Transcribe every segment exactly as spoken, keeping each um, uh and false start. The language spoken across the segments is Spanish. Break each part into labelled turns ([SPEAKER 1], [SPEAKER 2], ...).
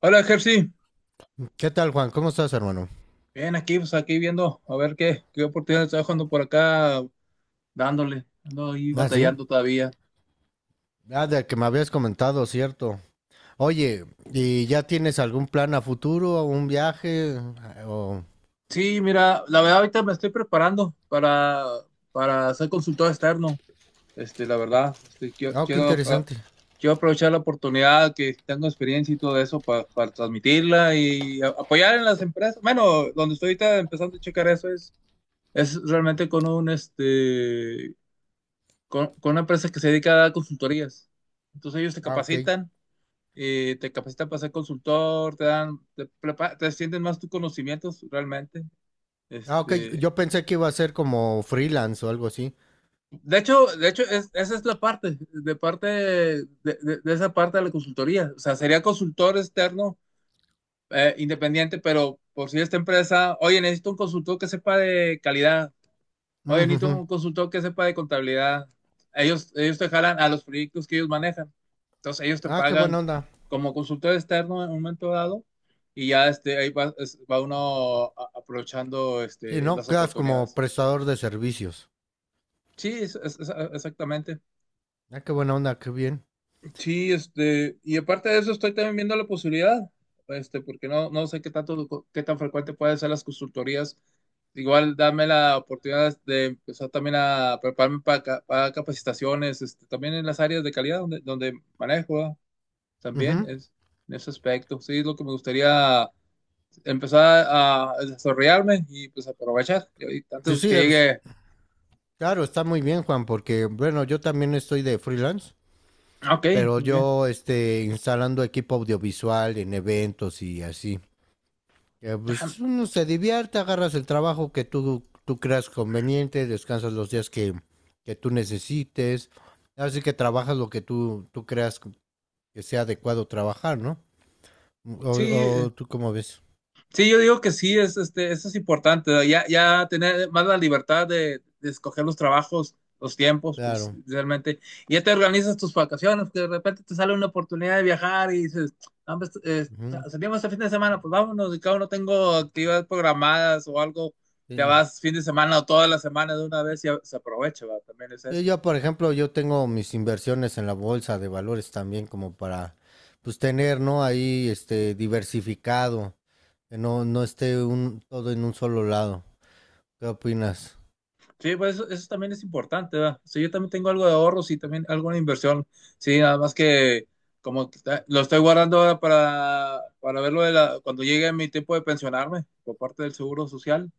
[SPEAKER 1] Hola, Jersey.
[SPEAKER 2] ¿Qué tal, Juan? ¿Cómo estás, hermano?
[SPEAKER 1] Bien, aquí, pues aquí viendo a ver qué, qué oportunidades está dejando por acá, dándole, ando ahí
[SPEAKER 2] Ah, sí.
[SPEAKER 1] batallando todavía.
[SPEAKER 2] Ah, de que me habías comentado, cierto. Oye, ¿y ya tienes algún plan a futuro, un viaje? O...
[SPEAKER 1] Sí, mira, la verdad ahorita me estoy preparando para, para ser consultor externo. Este, la verdad, este, quiero,
[SPEAKER 2] Ah, qué
[SPEAKER 1] quiero, ah,
[SPEAKER 2] interesante.
[SPEAKER 1] quiero aprovechar la oportunidad que tengo experiencia y todo eso pa- para transmitirla y a- apoyar en las empresas. Bueno, donde estoy ahorita empezando a checar eso es, es realmente con un este con, con una empresa que se dedica a dar consultorías. Entonces ellos te
[SPEAKER 2] Ah, ok.
[SPEAKER 1] capacitan, eh, te capacitan para ser consultor, te dan, te, prepa- te extienden más tus conocimientos realmente.
[SPEAKER 2] Ah, ok.
[SPEAKER 1] Este,
[SPEAKER 2] Yo pensé que iba a ser como freelance o algo así.
[SPEAKER 1] de hecho, de hecho es- esa es la parte, de parte de, de- de esa parte de la consultoría. O sea, sería consultor externo, eh, independiente, pero por si esta empresa, oye, necesito un consultor que sepa de calidad.
[SPEAKER 2] Mm,
[SPEAKER 1] Oye, necesito
[SPEAKER 2] ujú.
[SPEAKER 1] un consultor que sepa de contabilidad. Ellos, ellos te jalan a los proyectos que ellos manejan. Entonces, ellos te
[SPEAKER 2] Ah, qué buena
[SPEAKER 1] pagan
[SPEAKER 2] onda.
[SPEAKER 1] como consultor externo en un momento dado y ya este, ahí va, es- va uno a- aprovechando
[SPEAKER 2] Sí,
[SPEAKER 1] este,
[SPEAKER 2] no,
[SPEAKER 1] las
[SPEAKER 2] quedas como
[SPEAKER 1] oportunidades.
[SPEAKER 2] prestador de servicios.
[SPEAKER 1] Sí, es- es- es- exactamente.
[SPEAKER 2] Ah, qué buena onda, qué bien.
[SPEAKER 1] Sí, este, y aparte de eso estoy también viendo la posibilidad, este, porque no, no sé qué tanto, qué tan frecuente pueden ser las consultorías. Igual dame la oportunidad de empezar también a prepararme para, ca- para capacitaciones, este, también en las áreas de calidad donde, donde manejo, ¿verdad? También
[SPEAKER 2] Ujú.
[SPEAKER 1] es en ese aspecto. Sí, es lo que me gustaría empezar a desarrollarme y pues aprovechar. Y ahorita
[SPEAKER 2] Sí,
[SPEAKER 1] antes
[SPEAKER 2] sí,
[SPEAKER 1] que
[SPEAKER 2] es-
[SPEAKER 1] llegue.
[SPEAKER 2] claro, está muy bien, Juan, porque, bueno, yo también estoy de freelance.
[SPEAKER 1] Ah, ok,
[SPEAKER 2] Pero
[SPEAKER 1] muy bien.
[SPEAKER 2] yo este instalando equipo audiovisual en eventos y así. Eh,
[SPEAKER 1] Ajá.
[SPEAKER 2] pues uno se divierte, agarras el trabajo que tú, tú creas conveniente, descansas los días que, que tú necesites, así que trabajas lo que tú, tú creas que sea adecuado trabajar, ¿no?
[SPEAKER 1] Sí,
[SPEAKER 2] O,
[SPEAKER 1] eh,
[SPEAKER 2] o tú cómo ves.
[SPEAKER 1] Sí, yo digo que sí, es, este, eso es importante, ¿no? ya, ya tener más la libertad de, de escoger los trabajos, los tiempos,
[SPEAKER 2] Claro.
[SPEAKER 1] realmente. Y ya te organizas tus vacaciones, que de repente te sale una oportunidad de viajar y dices: "Ah, pues, eh,
[SPEAKER 2] Ujú.
[SPEAKER 1] salimos este fin de semana, pues vámonos, y cada uno tengo actividades programadas o algo, te
[SPEAKER 2] Sí.
[SPEAKER 1] vas fin de semana o toda la semana de una vez y a- se aprovecha". ¿Va? También es
[SPEAKER 2] Sí,
[SPEAKER 1] eso.
[SPEAKER 2] yo, por ejemplo, yo tengo mis inversiones en la bolsa de valores también como para, pues, tener, ¿no? Ahí, este, diversificado, que no, no esté un, todo en un solo lado. ¿Qué opinas?
[SPEAKER 1] Sí, pues eso, eso también es importante, ¿verdad? Sí, yo también tengo algo de ahorros y también alguna inversión. Sí, nada más que como que está- lo estoy guardando ahora para, para verlo de la, cuando llegue mi tiempo de pensionarme por parte del Seguro Social,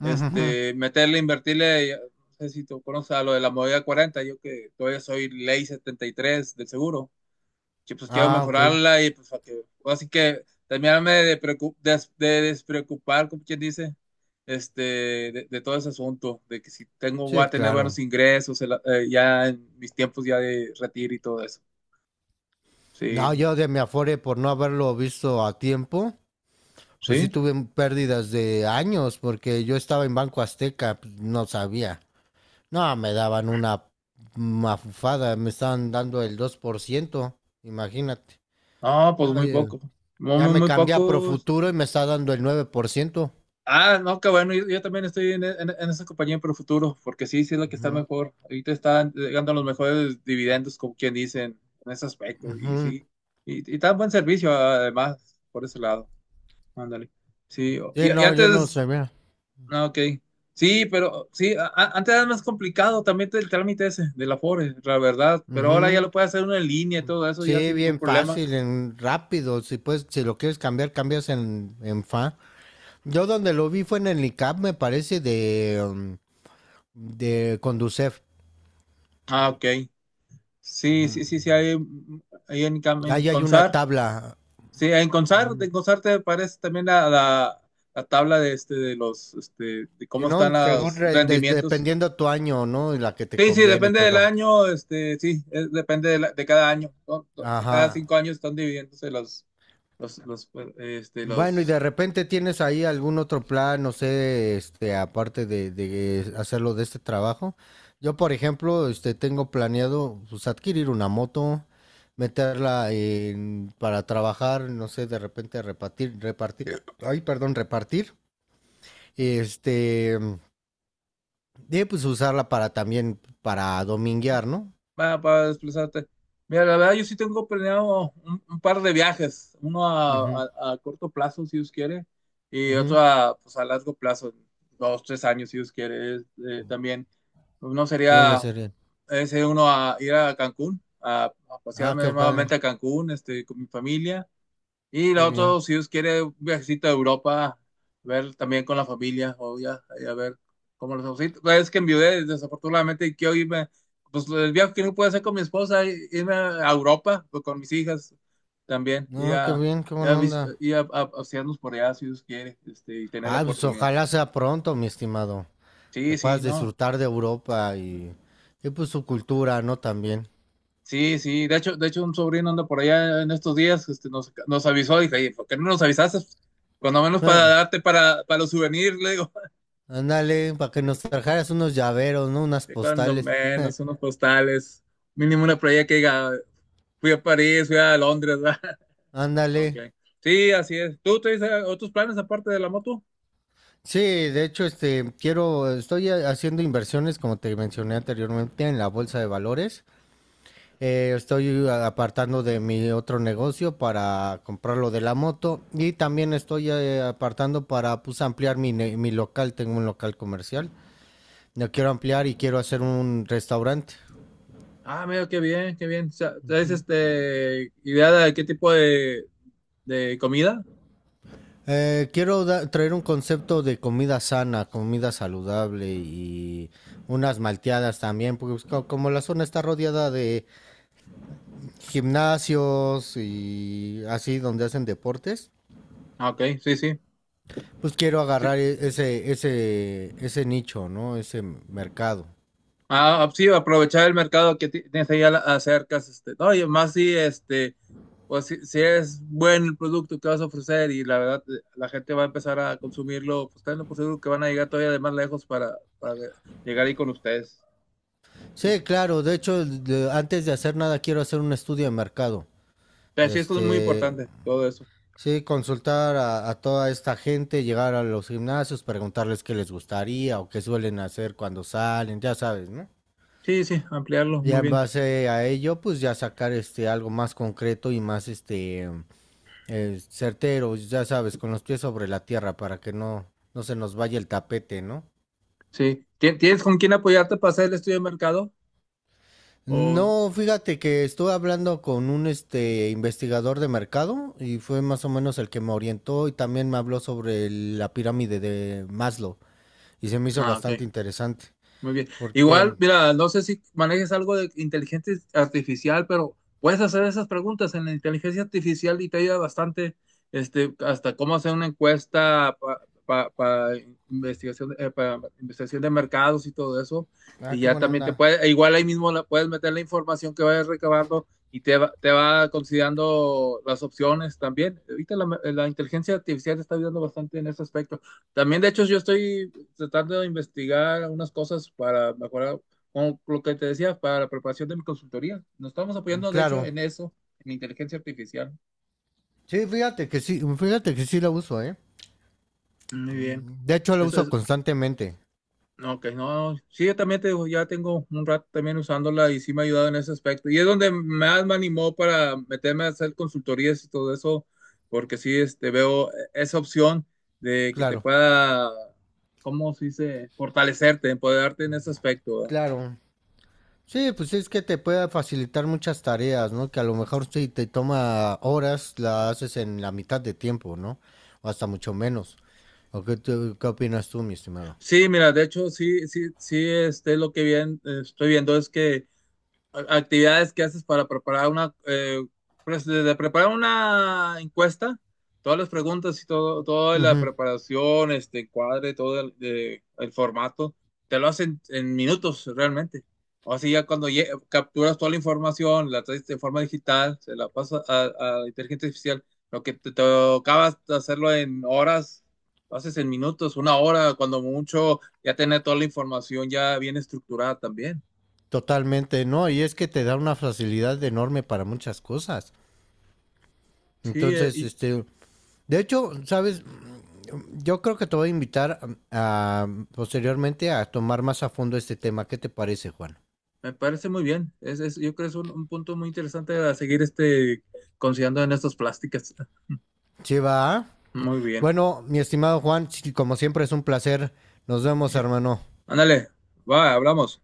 [SPEAKER 2] Ujujú.
[SPEAKER 1] este, meterle, invertirle, ya- no sé si tú conoces a lo de la movida cuarenta, yo que todavía soy ley setenta y tres del seguro que pues quiero
[SPEAKER 2] Ah, ok.
[SPEAKER 1] mejorarla y pues para que, pues, así que terminarme de, preocu- des- de despreocupar, como quien dice, este, de, de todo ese asunto, de que si tengo, voy
[SPEAKER 2] Sí,
[SPEAKER 1] a tener
[SPEAKER 2] claro.
[SPEAKER 1] buenos ingresos el- eh, ya en mis tiempos ya de retiro y todo eso. Sí,
[SPEAKER 2] No, yo de mi Afore, por no haberlo visto a tiempo, pues sí
[SPEAKER 1] sí.
[SPEAKER 2] tuve pérdidas de años, porque yo estaba en Banco Azteca, pues, no sabía. No, me daban una mafufada, me estaban dando el dos por ciento, imagínate.
[SPEAKER 1] No, pues
[SPEAKER 2] No,
[SPEAKER 1] muy
[SPEAKER 2] oye,
[SPEAKER 1] poco. Muy,
[SPEAKER 2] ya
[SPEAKER 1] muy,
[SPEAKER 2] me
[SPEAKER 1] muy
[SPEAKER 2] cambié a
[SPEAKER 1] pocos.
[SPEAKER 2] Profuturo y me está dando el nueve por ciento.
[SPEAKER 1] Ah, no, qué bueno, yo, yo también estoy en, en- en esa compañía por el futuro, porque sí, sí es la que está
[SPEAKER 2] Ujú,
[SPEAKER 1] mejor. Ahorita están llegando los mejores dividendos, como quien dicen, en ese aspecto, y
[SPEAKER 2] ujú.
[SPEAKER 1] sí, y, y tan buen servicio además, por ese lado. Ándale. Sí, o-
[SPEAKER 2] Sí,
[SPEAKER 1] y, y
[SPEAKER 2] no, yo no
[SPEAKER 1] antes.
[SPEAKER 2] sé, mira.
[SPEAKER 1] Ah, ok. Sí, pero sí, a- a- antes era más complicado también el trámite ese del Afore, la verdad, pero ahora ya
[SPEAKER 2] Ujú.
[SPEAKER 1] lo puede hacer uno en línea y todo eso, ya
[SPEAKER 2] Sí,
[SPEAKER 1] sin ningún
[SPEAKER 2] bien
[SPEAKER 1] problema.
[SPEAKER 2] fácil, en rápido. Si puedes, si lo quieres cambiar, cambias en, en F A. Yo donde lo vi fue en el ICAP, me parece, de, um, de Conducef.
[SPEAKER 1] Ah, ok. Sí, sí, sí,
[SPEAKER 2] Ujú.
[SPEAKER 1] sí, hay, hay en, Cam- en
[SPEAKER 2] Ahí hay una
[SPEAKER 1] Consar.
[SPEAKER 2] tabla.
[SPEAKER 1] Sí, en Consart,
[SPEAKER 2] Ujú.
[SPEAKER 1] en Consart te aparece también la, la- la tabla de este de los este de
[SPEAKER 2] Si
[SPEAKER 1] cómo
[SPEAKER 2] no,
[SPEAKER 1] están
[SPEAKER 2] según
[SPEAKER 1] los
[SPEAKER 2] re- de-
[SPEAKER 1] rendimientos.
[SPEAKER 2] dependiendo tu año, ¿no? Y la que te
[SPEAKER 1] Sí, sí,
[SPEAKER 2] conviene y
[SPEAKER 1] depende del
[SPEAKER 2] todo.
[SPEAKER 1] año, este, sí, es- depende de, la- de cada año, ¿no? So- so- Cada
[SPEAKER 2] Ajá.
[SPEAKER 1] cinco años están dividiéndose los, los, los, este,
[SPEAKER 2] Bueno, y de
[SPEAKER 1] los
[SPEAKER 2] repente tienes ahí algún otro plan, no sé, este, aparte de, de hacerlo de este trabajo. Yo, por ejemplo, este, tengo planeado pues, adquirir una moto, meterla en- para trabajar, no sé, de repente repartir, repartir, ay, perdón, repartir, este, y pues usarla para también, para dominguear, ¿no?
[SPEAKER 1] va, para desplazarte. Mira, la verdad, yo sí tengo planeado un, un par de viajes, uno a,
[SPEAKER 2] Ujú,
[SPEAKER 1] a- a corto plazo, si Dios quiere, y otro
[SPEAKER 2] ujú.
[SPEAKER 1] a, pues, a largo plazo, dos, tres años, si Dios quiere. Es, eh, también, uno
[SPEAKER 2] ¿Cuáles
[SPEAKER 1] sería
[SPEAKER 2] serían?
[SPEAKER 1] ese, uno a ir a Cancún, a, a
[SPEAKER 2] Ah, qué
[SPEAKER 1] pasearme
[SPEAKER 2] padre,
[SPEAKER 1] nuevamente a Cancún, este, con mi familia. Y
[SPEAKER 2] qué
[SPEAKER 1] lo
[SPEAKER 2] bien.
[SPEAKER 1] otro, si Dios quiere, un viajecito a Europa, ver también con la familia, o ya, ahí a ver cómo los ausitos. Es que enviudé, desafortunadamente, y quiero irme, pues el viaje que no puedo hacer con mi esposa, i- irme a Europa, pues, con mis hijas también, y
[SPEAKER 2] No, qué
[SPEAKER 1] a,
[SPEAKER 2] bien, qué
[SPEAKER 1] y a,
[SPEAKER 2] buena
[SPEAKER 1] vis-
[SPEAKER 2] onda.
[SPEAKER 1] y a- a- a pasearnos por allá, si Dios quiere, este, y tener la
[SPEAKER 2] Ah, pues
[SPEAKER 1] oportunidad.
[SPEAKER 2] ojalá sea pronto, mi estimado. Que
[SPEAKER 1] Sí, sí,
[SPEAKER 2] puedas
[SPEAKER 1] no.
[SPEAKER 2] disfrutar de Europa y, y pues su cultura, ¿no? También.
[SPEAKER 1] Sí, sí, de hecho, de hecho un sobrino anda por allá en estos días, este, nos, nos avisó, dije: "Oye, ¿por qué no nos avisaste? Cuando menos para
[SPEAKER 2] Ah,
[SPEAKER 1] darte para, para los souvenirs", le digo.
[SPEAKER 2] ándale, para que nos trajeras unos llaveros, ¿no? Unas
[SPEAKER 1] De cuando
[SPEAKER 2] postales.
[SPEAKER 1] menos, unos postales, mínimo una playa que diga: "Fui a París, fui a Londres", ¿verdad?
[SPEAKER 2] Ándale.
[SPEAKER 1] Ok. Sí, así es. ¿Tú traes eh, otros planes aparte de la moto?
[SPEAKER 2] Sí, de hecho, este, quiero, estoy ha- haciendo inversiones, como te mencioné anteriormente, en la bolsa de valores. Eh, estoy apartando de mi otro negocio para comprar lo de la moto y también estoy eh, apartando para, pues, ampliar mi, ne- mi local. Tengo un local comercial. Lo quiero ampliar y quiero hacer un restaurante.
[SPEAKER 1] Ah, mira, qué bien, qué bien. O sea, ¿traes este idea de qué tipo de, de comida?
[SPEAKER 2] Eh, quiero da- traer un concepto de comida sana, comida saludable y unas malteadas también, porque pues, co- como la zona está rodeada de gimnasios y así donde hacen deportes,
[SPEAKER 1] Ah, ok, sí, sí.
[SPEAKER 2] pues quiero agarrar e- ese, ese, ese nicho, ¿no? Ese m- mercado.
[SPEAKER 1] Ah, ah, sí, aprovechar el mercado que ti- tienes ahí a la- acerca. Este, no, y más si, este, pues si, si es buen el producto que vas a ofrecer y la verdad eh, la gente va a empezar a consumirlo, pues tenlo por seguro que van a llegar todavía de más lejos para, para llegar ahí con ustedes. Que
[SPEAKER 2] Sí,
[SPEAKER 1] sí,
[SPEAKER 2] claro, de hecho, de- antes de hacer nada quiero hacer un estudio de mercado.
[SPEAKER 1] pero sí, esto es muy
[SPEAKER 2] Este,
[SPEAKER 1] importante, todo eso.
[SPEAKER 2] Sí, consultar a, a toda esta gente, llegar a los gimnasios, preguntarles qué les gustaría o qué suelen hacer cuando salen, ya sabes, ¿no?
[SPEAKER 1] Sí, sí, ampliarlo,
[SPEAKER 2] Ya
[SPEAKER 1] muy
[SPEAKER 2] en
[SPEAKER 1] bien.
[SPEAKER 2] base a ello, pues ya sacar este algo más concreto y más este eh, certero, ya sabes, con los pies sobre la tierra para que no, no se nos vaya el tapete, ¿no?
[SPEAKER 1] Sí. ¿Ti- Tienes con quién apoyarte para hacer el estudio de mercado? O.
[SPEAKER 2] No, fíjate que estuve hablando con un este investigador de mercado y fue más o menos el que me orientó y también me habló sobre el- la pirámide de Maslow. Y se me hizo
[SPEAKER 1] Ah,
[SPEAKER 2] bastante
[SPEAKER 1] ok.
[SPEAKER 2] interesante.
[SPEAKER 1] Muy bien.
[SPEAKER 2] Porque,
[SPEAKER 1] Igual, mira, no sé si manejes algo de inteligencia artificial, pero puedes hacer esas preguntas en la inteligencia artificial y te ayuda bastante, este, hasta cómo hacer una encuesta para investigación, eh, pa investigación de mercados y todo eso.
[SPEAKER 2] ah,
[SPEAKER 1] Y
[SPEAKER 2] qué
[SPEAKER 1] ya
[SPEAKER 2] buena
[SPEAKER 1] también te
[SPEAKER 2] onda.
[SPEAKER 1] puede, e igual ahí mismo la, puedes meter la información que vayas recabando y te va, te va considerando las opciones también. Ahorita la, la inteligencia artificial te está ayudando bastante en ese aspecto. También, de hecho, yo estoy tratando de investigar unas cosas para mejorar, como lo que te decía, para la preparación de mi consultoría. Nos estamos apoyando, de hecho,
[SPEAKER 2] Claro.
[SPEAKER 1] en eso, en inteligencia artificial.
[SPEAKER 2] Sí, fíjate que sí, fíjate que sí la uso, ¿eh?
[SPEAKER 1] Muy bien.
[SPEAKER 2] De hecho, la
[SPEAKER 1] Eso
[SPEAKER 2] uso
[SPEAKER 1] es,
[SPEAKER 2] constantemente.
[SPEAKER 1] no, ok, no, sí, yo también te digo, ya tengo un rato también usándola y sí me ha ayudado en ese aspecto. Y es donde más me animó para meterme a hacer consultorías y todo eso, porque sí, este, veo esa opción de que te
[SPEAKER 2] Claro,
[SPEAKER 1] pueda. ¿Cómo se dice? Fortalecerte, empoderarte en ese aspecto, ¿verdad?
[SPEAKER 2] claro. Sí, pues es que te puede facilitar muchas tareas, ¿no? Que a lo mejor si te toma horas, la haces en la mitad de tiempo, ¿no? O hasta mucho menos. ¿O qué, tú- qué opinas tú, mi estimado?
[SPEAKER 1] Sí, mira, de hecho, sí, sí, sí, este, lo que bien, eh, estoy viendo es que a- actividades que haces para preparar una, eh, pues, desde preparar una encuesta, todas las preguntas y todo, toda la
[SPEAKER 2] Ujú,
[SPEAKER 1] preparación, este cuadre, todo el, de- el formato, te lo hacen en minutos realmente. O así ya cuando lle- capturas toda la información, la traes de forma digital, se la pasas a, a inteligencia artificial, lo que te tocaba hacerlo en horas, lo haces en minutos, una hora, cuando mucho, ya tener toda la información ya bien estructurada también.
[SPEAKER 2] totalmente, ¿no? Y es que te da una facilidad enorme para muchas cosas.
[SPEAKER 1] Sí, eh,
[SPEAKER 2] Entonces,
[SPEAKER 1] y.
[SPEAKER 2] este, de hecho, ¿sabes? Yo creo que te voy a invitar um, a, posteriormente a tomar más a fondo este tema. ¿Qué te parece, Juan?
[SPEAKER 1] Me parece muy bien. Es, es- yo creo que es un, un punto muy interesante a seguir este, considerando en estas plásticas.
[SPEAKER 2] Sí, va.
[SPEAKER 1] Muy bien.
[SPEAKER 2] Bueno, mi estimado Juan, sí, como siempre es un placer. Nos vemos, hermano.
[SPEAKER 1] Ándale, va, hablamos.